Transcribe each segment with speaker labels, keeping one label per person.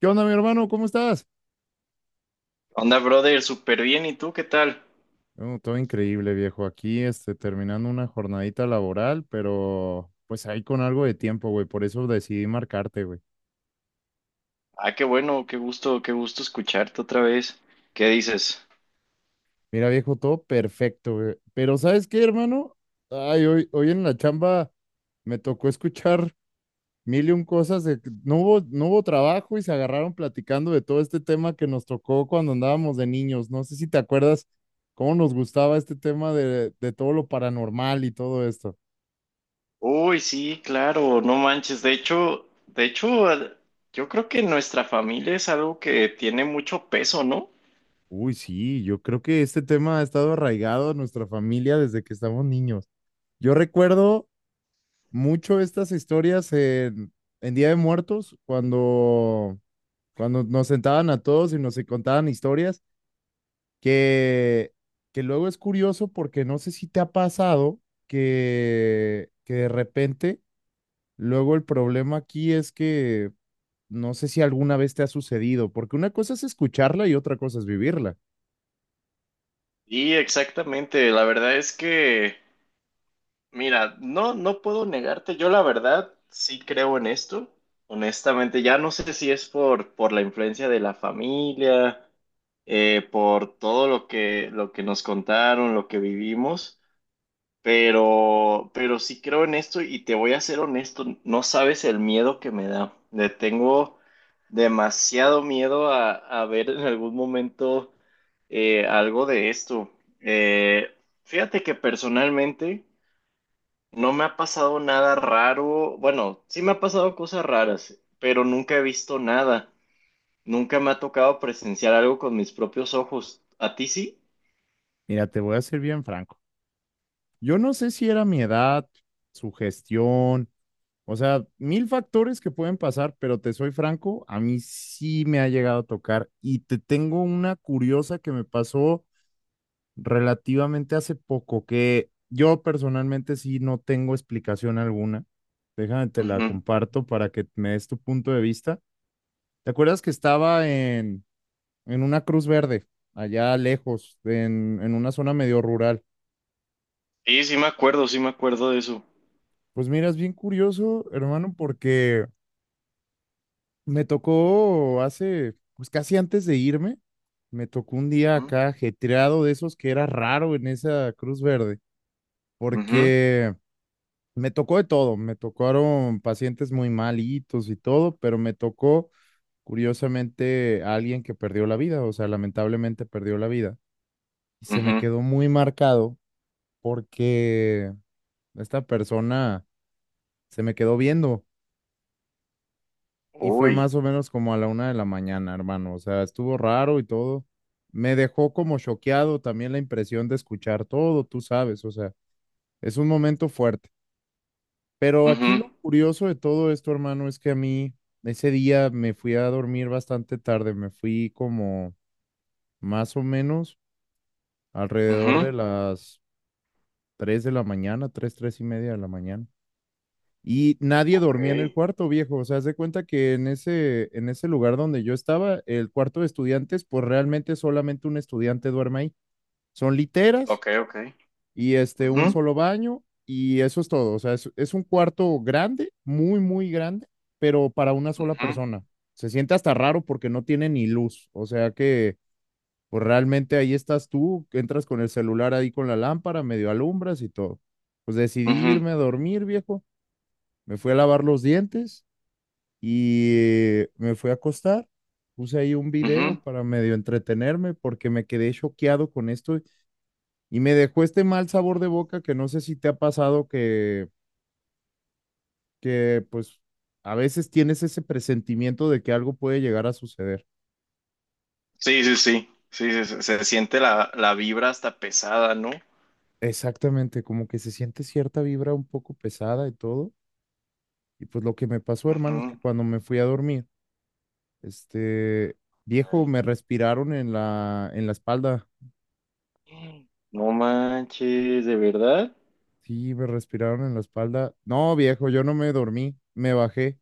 Speaker 1: ¿Qué onda, mi hermano? ¿Cómo estás?
Speaker 2: Onda, brother, súper bien. ¿Y tú qué tal?
Speaker 1: No, todo increíble, viejo. Aquí, terminando una jornadita laboral, pero pues ahí con algo de tiempo, güey. Por eso decidí marcarte, güey.
Speaker 2: Ah, qué bueno, qué gusto escucharte otra vez. ¿Qué dices?
Speaker 1: Mira, viejo, todo perfecto, güey. Pero ¿sabes qué, hermano? Ay, hoy en la chamba me tocó escuchar mil y un cosas de que no hubo trabajo y se agarraron platicando de todo este tema que nos tocó cuando andábamos de niños. No sé si te acuerdas cómo nos gustaba este tema de todo lo paranormal y todo esto.
Speaker 2: Uy, sí, claro, no manches. De hecho, yo creo que nuestra familia es algo que tiene mucho peso, ¿no?
Speaker 1: Uy, sí, yo creo que este tema ha estado arraigado a nuestra familia desde que estamos niños. Yo recuerdo mucho estas historias en Día de Muertos, cuando nos sentaban a todos y nos contaban historias, que, que luego es curioso porque no sé si te ha pasado que de repente, luego el problema aquí es que no sé si alguna vez te ha sucedido, porque una cosa es escucharla y otra cosa es vivirla.
Speaker 2: Y exactamente, la verdad es que mira, no, no puedo negarte, yo la verdad sí creo en esto, honestamente, ya no sé si es por la influencia de la familia, por todo lo que nos contaron, lo que vivimos, pero sí creo en esto y te voy a ser honesto, no sabes el miedo que me da. Le tengo demasiado miedo a ver en algún momento algo de esto. Eh, fíjate que personalmente, no me ha pasado nada raro. Bueno, sí me ha pasado cosas raras, pero nunca he visto nada. Nunca me ha tocado presenciar algo con mis propios ojos. ¿A ti sí?
Speaker 1: Mira, te voy a ser bien franco. Yo no sé si era mi edad, su gestión, o sea, mil factores que pueden pasar, pero te soy franco, a mí sí me ha llegado a tocar y te tengo una curiosa que me pasó relativamente hace poco, que yo personalmente sí no tengo explicación alguna. Déjame, te la
Speaker 2: Ujú.
Speaker 1: comparto para que me des tu punto de vista. ¿Te acuerdas que estaba en una Cruz Verde, allá lejos, en una zona medio rural?
Speaker 2: Sí, sí me acuerdo de eso.
Speaker 1: Pues mira, es bien curioso, hermano, porque me tocó hace, pues casi antes de irme, me tocó un día
Speaker 2: Ujú,
Speaker 1: acá ajetreado de esos que era raro en esa Cruz Verde,
Speaker 2: ujú,
Speaker 1: porque me tocó de todo, me tocaron pacientes muy malitos y todo, pero me tocó curiosamente a alguien que perdió la vida, o sea, lamentablemente perdió la vida. Y se me
Speaker 2: ujú.
Speaker 1: quedó muy marcado porque esta persona se me quedó viendo. Y fue
Speaker 2: Uy.
Speaker 1: más o menos como a la 1 de la mañana, hermano. O sea, estuvo raro y todo. Me dejó como choqueado también la impresión de escuchar todo, tú sabes, o sea, es un momento fuerte. Pero aquí
Speaker 2: Ujú,
Speaker 1: lo curioso de todo esto, hermano, es que a mí ese día me fui a dormir bastante tarde, me fui como más o menos alrededor
Speaker 2: ujú.
Speaker 1: de las 3 de la mañana, 3 y media de la mañana. Y nadie
Speaker 2: Ok,
Speaker 1: dormía en el cuarto, viejo. O sea, haz de cuenta que en en ese lugar donde yo estaba, el cuarto de estudiantes, pues realmente solamente un estudiante duerme ahí. Son literas
Speaker 2: ok, ok.
Speaker 1: y un
Speaker 2: Ujú,
Speaker 1: solo baño y eso es todo. O sea, es un cuarto grande, muy grande, pero para una sola
Speaker 2: ujú,
Speaker 1: persona. Se siente hasta raro porque no tiene ni luz. O sea que, pues realmente ahí estás tú, entras con el celular ahí con la lámpara, medio alumbras y todo. Pues decidí
Speaker 2: ujú,
Speaker 1: irme a dormir, viejo. Me fui a lavar los dientes y me fui a acostar, puse ahí un video
Speaker 2: ujú.
Speaker 1: para medio entretenerme porque me quedé choqueado con esto y me dejó este mal sabor de boca que no sé si te ha pasado que pues a veces tienes ese presentimiento de que algo puede llegar a suceder.
Speaker 2: Sí, sí, sí. Sí, siente la, la vibra hasta pesada, ¿no?
Speaker 1: Exactamente, como que se siente cierta vibra un poco pesada y todo. Y pues lo que me pasó, hermano, es
Speaker 2: Ujú,
Speaker 1: que cuando me fui a dormir, este viejo
Speaker 2: ok.
Speaker 1: me respiraron en en la espalda.
Speaker 2: No manches, ¿de verdad?
Speaker 1: Sí, me respiraron en la espalda. No, viejo, yo no me dormí, me bajé.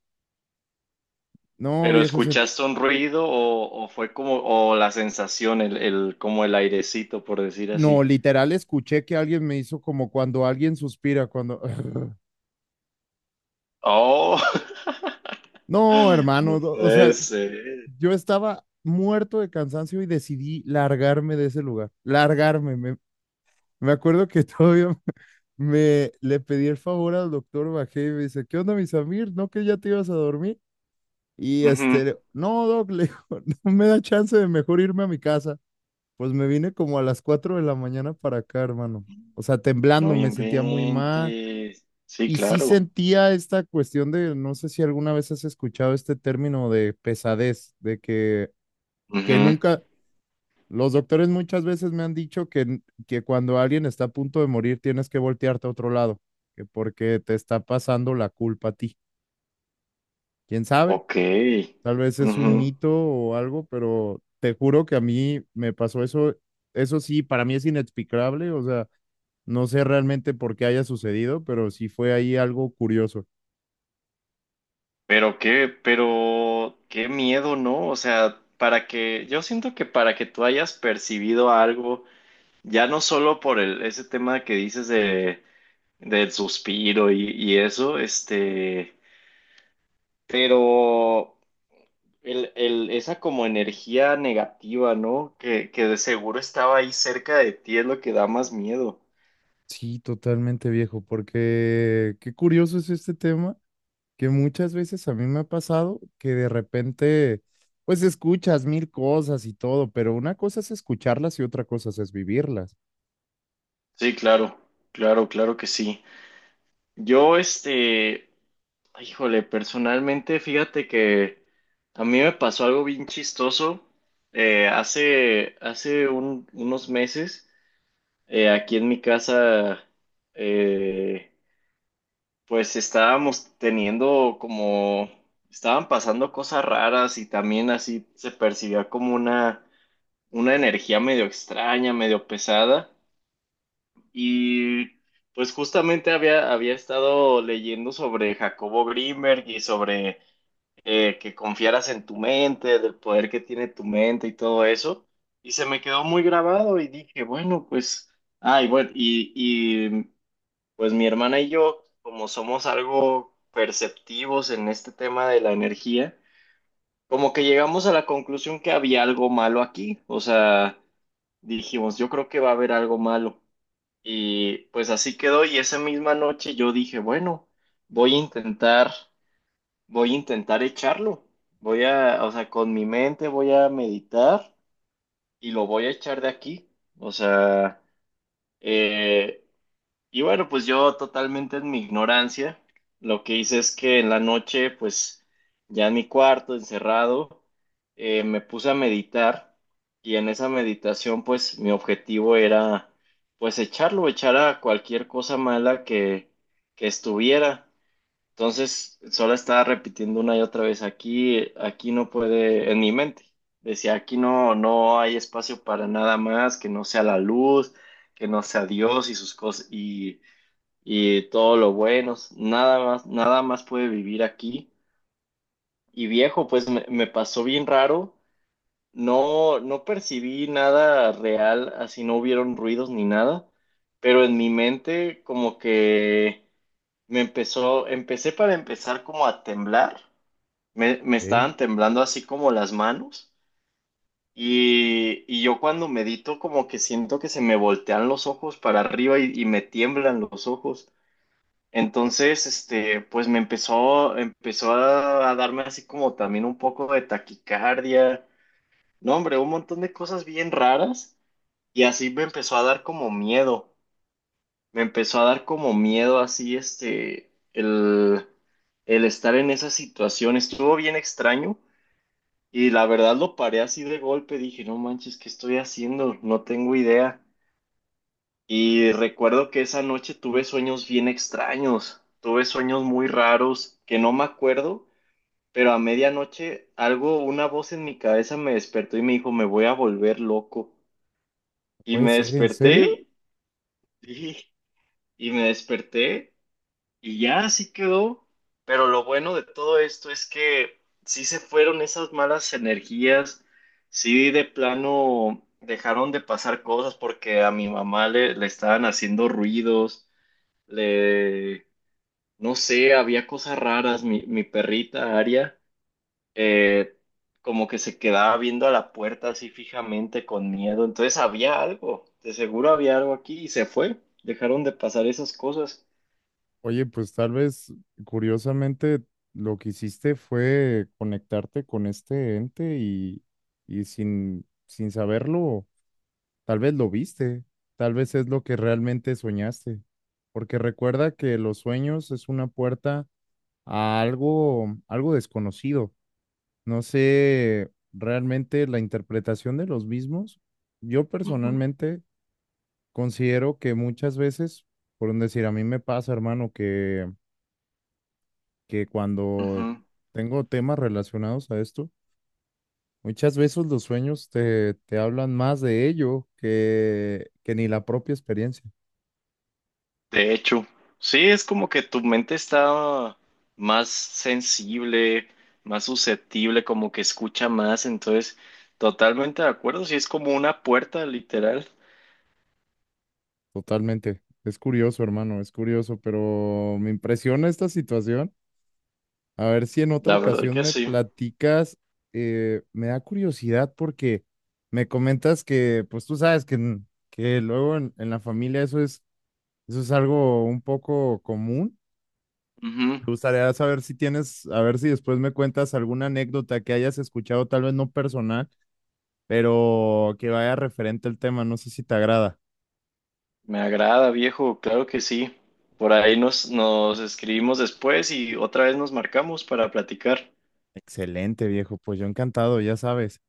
Speaker 1: No,
Speaker 2: ¿Pero
Speaker 1: viejo, se...
Speaker 2: escuchaste un ruido o fue como, o la sensación, el, como el airecito, por decir
Speaker 1: no,
Speaker 2: así?
Speaker 1: literal escuché que alguien me hizo como cuando alguien suspira, cuando...
Speaker 2: Oh,
Speaker 1: No, hermano,
Speaker 2: no
Speaker 1: o sea,
Speaker 2: puede ser.
Speaker 1: yo estaba muerto de cansancio y decidí largarme de ese lugar, largarme. Me me acuerdo que todavía me le pedí el favor al doctor, bajé y me dice, ¿qué onda, mi Samir? ¿No que ya te ibas a dormir? Y
Speaker 2: Ujú.
Speaker 1: no, doc, le digo, no me da chance de mejor irme a mi casa. Pues me vine como a las 4 de la mañana para acá, hermano. O sea, temblando,
Speaker 2: No
Speaker 1: me sentía muy mal.
Speaker 2: inventes. Sí,
Speaker 1: Y sí
Speaker 2: claro.
Speaker 1: sentía esta cuestión de, no sé si alguna vez has escuchado este término de pesadez, de que
Speaker 2: Ujú.
Speaker 1: nunca, los doctores muchas veces me han dicho que, que cuando alguien está a punto de morir tienes que voltearte a otro lado, que porque te está pasando la culpa a ti. ¿Quién sabe?
Speaker 2: Ok.
Speaker 1: Tal vez es un
Speaker 2: Ujú.
Speaker 1: mito o algo, pero te juro que a mí me pasó eso. Eso sí, para mí es inexplicable, o sea, no sé realmente por qué haya sucedido, pero sí fue ahí algo curioso.
Speaker 2: Pero qué miedo, ¿no? O sea, para que, yo siento que para que tú hayas percibido algo. Ya no solo por el, ese tema que dices de, del suspiro y eso, este, pero el, esa como energía negativa, ¿no? Que de seguro estaba ahí cerca de ti es lo que da más miedo.
Speaker 1: Sí, totalmente viejo, porque qué curioso es este tema, que muchas veces a mí me ha pasado que de repente, pues escuchas mil cosas y todo, pero una cosa es escucharlas y otra cosa es vivirlas.
Speaker 2: Sí, claro, claro, claro que sí. Yo, este, híjole, personalmente, fíjate que a mí me pasó algo bien chistoso hace, hace unos meses. Aquí en mi casa, eh, pues estábamos teniendo como, estaban pasando cosas raras y también así se percibía como una energía medio extraña, medio pesada. Y pues justamente había, había estado leyendo sobre Jacobo Grimberg y sobre que confiaras en tu mente, del poder que tiene tu mente y todo eso. Y se me quedó muy grabado y dije, bueno, pues, ay, bueno, y, pues mi hermana y yo, como somos algo perceptivos en este tema de la energía, como que llegamos a la conclusión que había algo malo aquí. O sea, dijimos, yo creo que va a haber algo malo. Y pues así quedó. Y esa misma noche yo dije, bueno, voy a intentar, voy a intentar echarlo. Voy a, o sea, con mi mente voy a meditar y lo voy a echar de aquí. O sea, eh, y bueno, pues yo totalmente en mi ignorancia, lo que hice es que en la noche, pues ya en mi cuarto, encerrado, me puse a meditar y en esa meditación, pues mi objetivo era, pues echarlo, echar a cualquier cosa mala que estuviera. Entonces, solo estaba repitiendo una y otra vez, aquí, aquí no puede, en mi mente, decía, aquí no, no hay espacio para nada más, que no sea la luz, que no sea Dios y sus cosas y todo lo bueno, nada más, nada más puede vivir aquí. Y viejo, pues me pasó bien raro, no, no percibí nada real, así no hubieron ruidos ni nada, pero en mi mente como que me empezó, empecé para empezar como a temblar, me
Speaker 1: ¿Eh?
Speaker 2: estaban temblando así como las manos. Y yo cuando medito como que siento que se me voltean los ojos para arriba y me tiemblan los ojos. Entonces, este, pues me empezó, empezó a darme así como también un poco de taquicardia, no, hombre, un montón de cosas bien raras y así me empezó a dar como miedo, me empezó a dar como miedo así, este, el estar en esa situación, estuvo bien extraño y la verdad lo paré así de golpe, dije, no manches, ¿qué estoy haciendo? No tengo idea. Y recuerdo que esa noche tuve sueños bien extraños, tuve sueños muy raros que no me acuerdo, pero a medianoche algo, una voz en mi cabeza me despertó y me dijo, me voy a volver loco. Y
Speaker 1: ¿Puede
Speaker 2: me
Speaker 1: ser en serio?
Speaker 2: desperté y, y me desperté y ya así quedó. Pero lo bueno de todo esto es que sí se fueron esas malas energías, sí de plano dejaron de pasar cosas porque a mi mamá le, le estaban haciendo ruidos. Le, no sé, había cosas raras. Mi perrita Aria, eh, como que se quedaba viendo a la puerta así fijamente con miedo. Entonces había algo, de seguro había algo aquí y se fue. Dejaron de pasar esas cosas.
Speaker 1: Oye, pues tal vez curiosamente lo que hiciste fue conectarte con este ente y sin saberlo, tal vez lo viste, tal vez es lo que realmente soñaste, porque recuerda que los sueños es una puerta a algo, algo desconocido. No sé realmente la interpretación de los mismos. Yo
Speaker 2: Ujú,
Speaker 1: personalmente considero que muchas veces, por un decir, a mí me pasa, hermano, que cuando
Speaker 2: ujú.
Speaker 1: tengo temas relacionados a esto, muchas veces los sueños te hablan más de ello que ni la propia experiencia.
Speaker 2: De hecho, sí, es como que tu mente está más sensible, más susceptible, como que escucha más. Entonces, totalmente de acuerdo. Sí, es como una puerta, literal.
Speaker 1: Totalmente. Es curioso, hermano, es curioso, pero me impresiona esta situación. A ver si en otra
Speaker 2: La verdad
Speaker 1: ocasión
Speaker 2: que
Speaker 1: me
Speaker 2: sí.
Speaker 1: platicas, me da curiosidad porque me comentas que, pues tú sabes que, que luego en la familia eso es algo un poco común.
Speaker 2: Ujú.
Speaker 1: Me gustaría saber si tienes, a ver si después me cuentas alguna anécdota que hayas escuchado, tal vez no personal, pero que vaya referente al tema. No sé si te agrada.
Speaker 2: Me agrada, viejo, claro que sí. Por ahí nos, nos escribimos después y otra vez nos marcamos para platicar.
Speaker 1: Excelente, viejo. Pues yo encantado, ya sabes.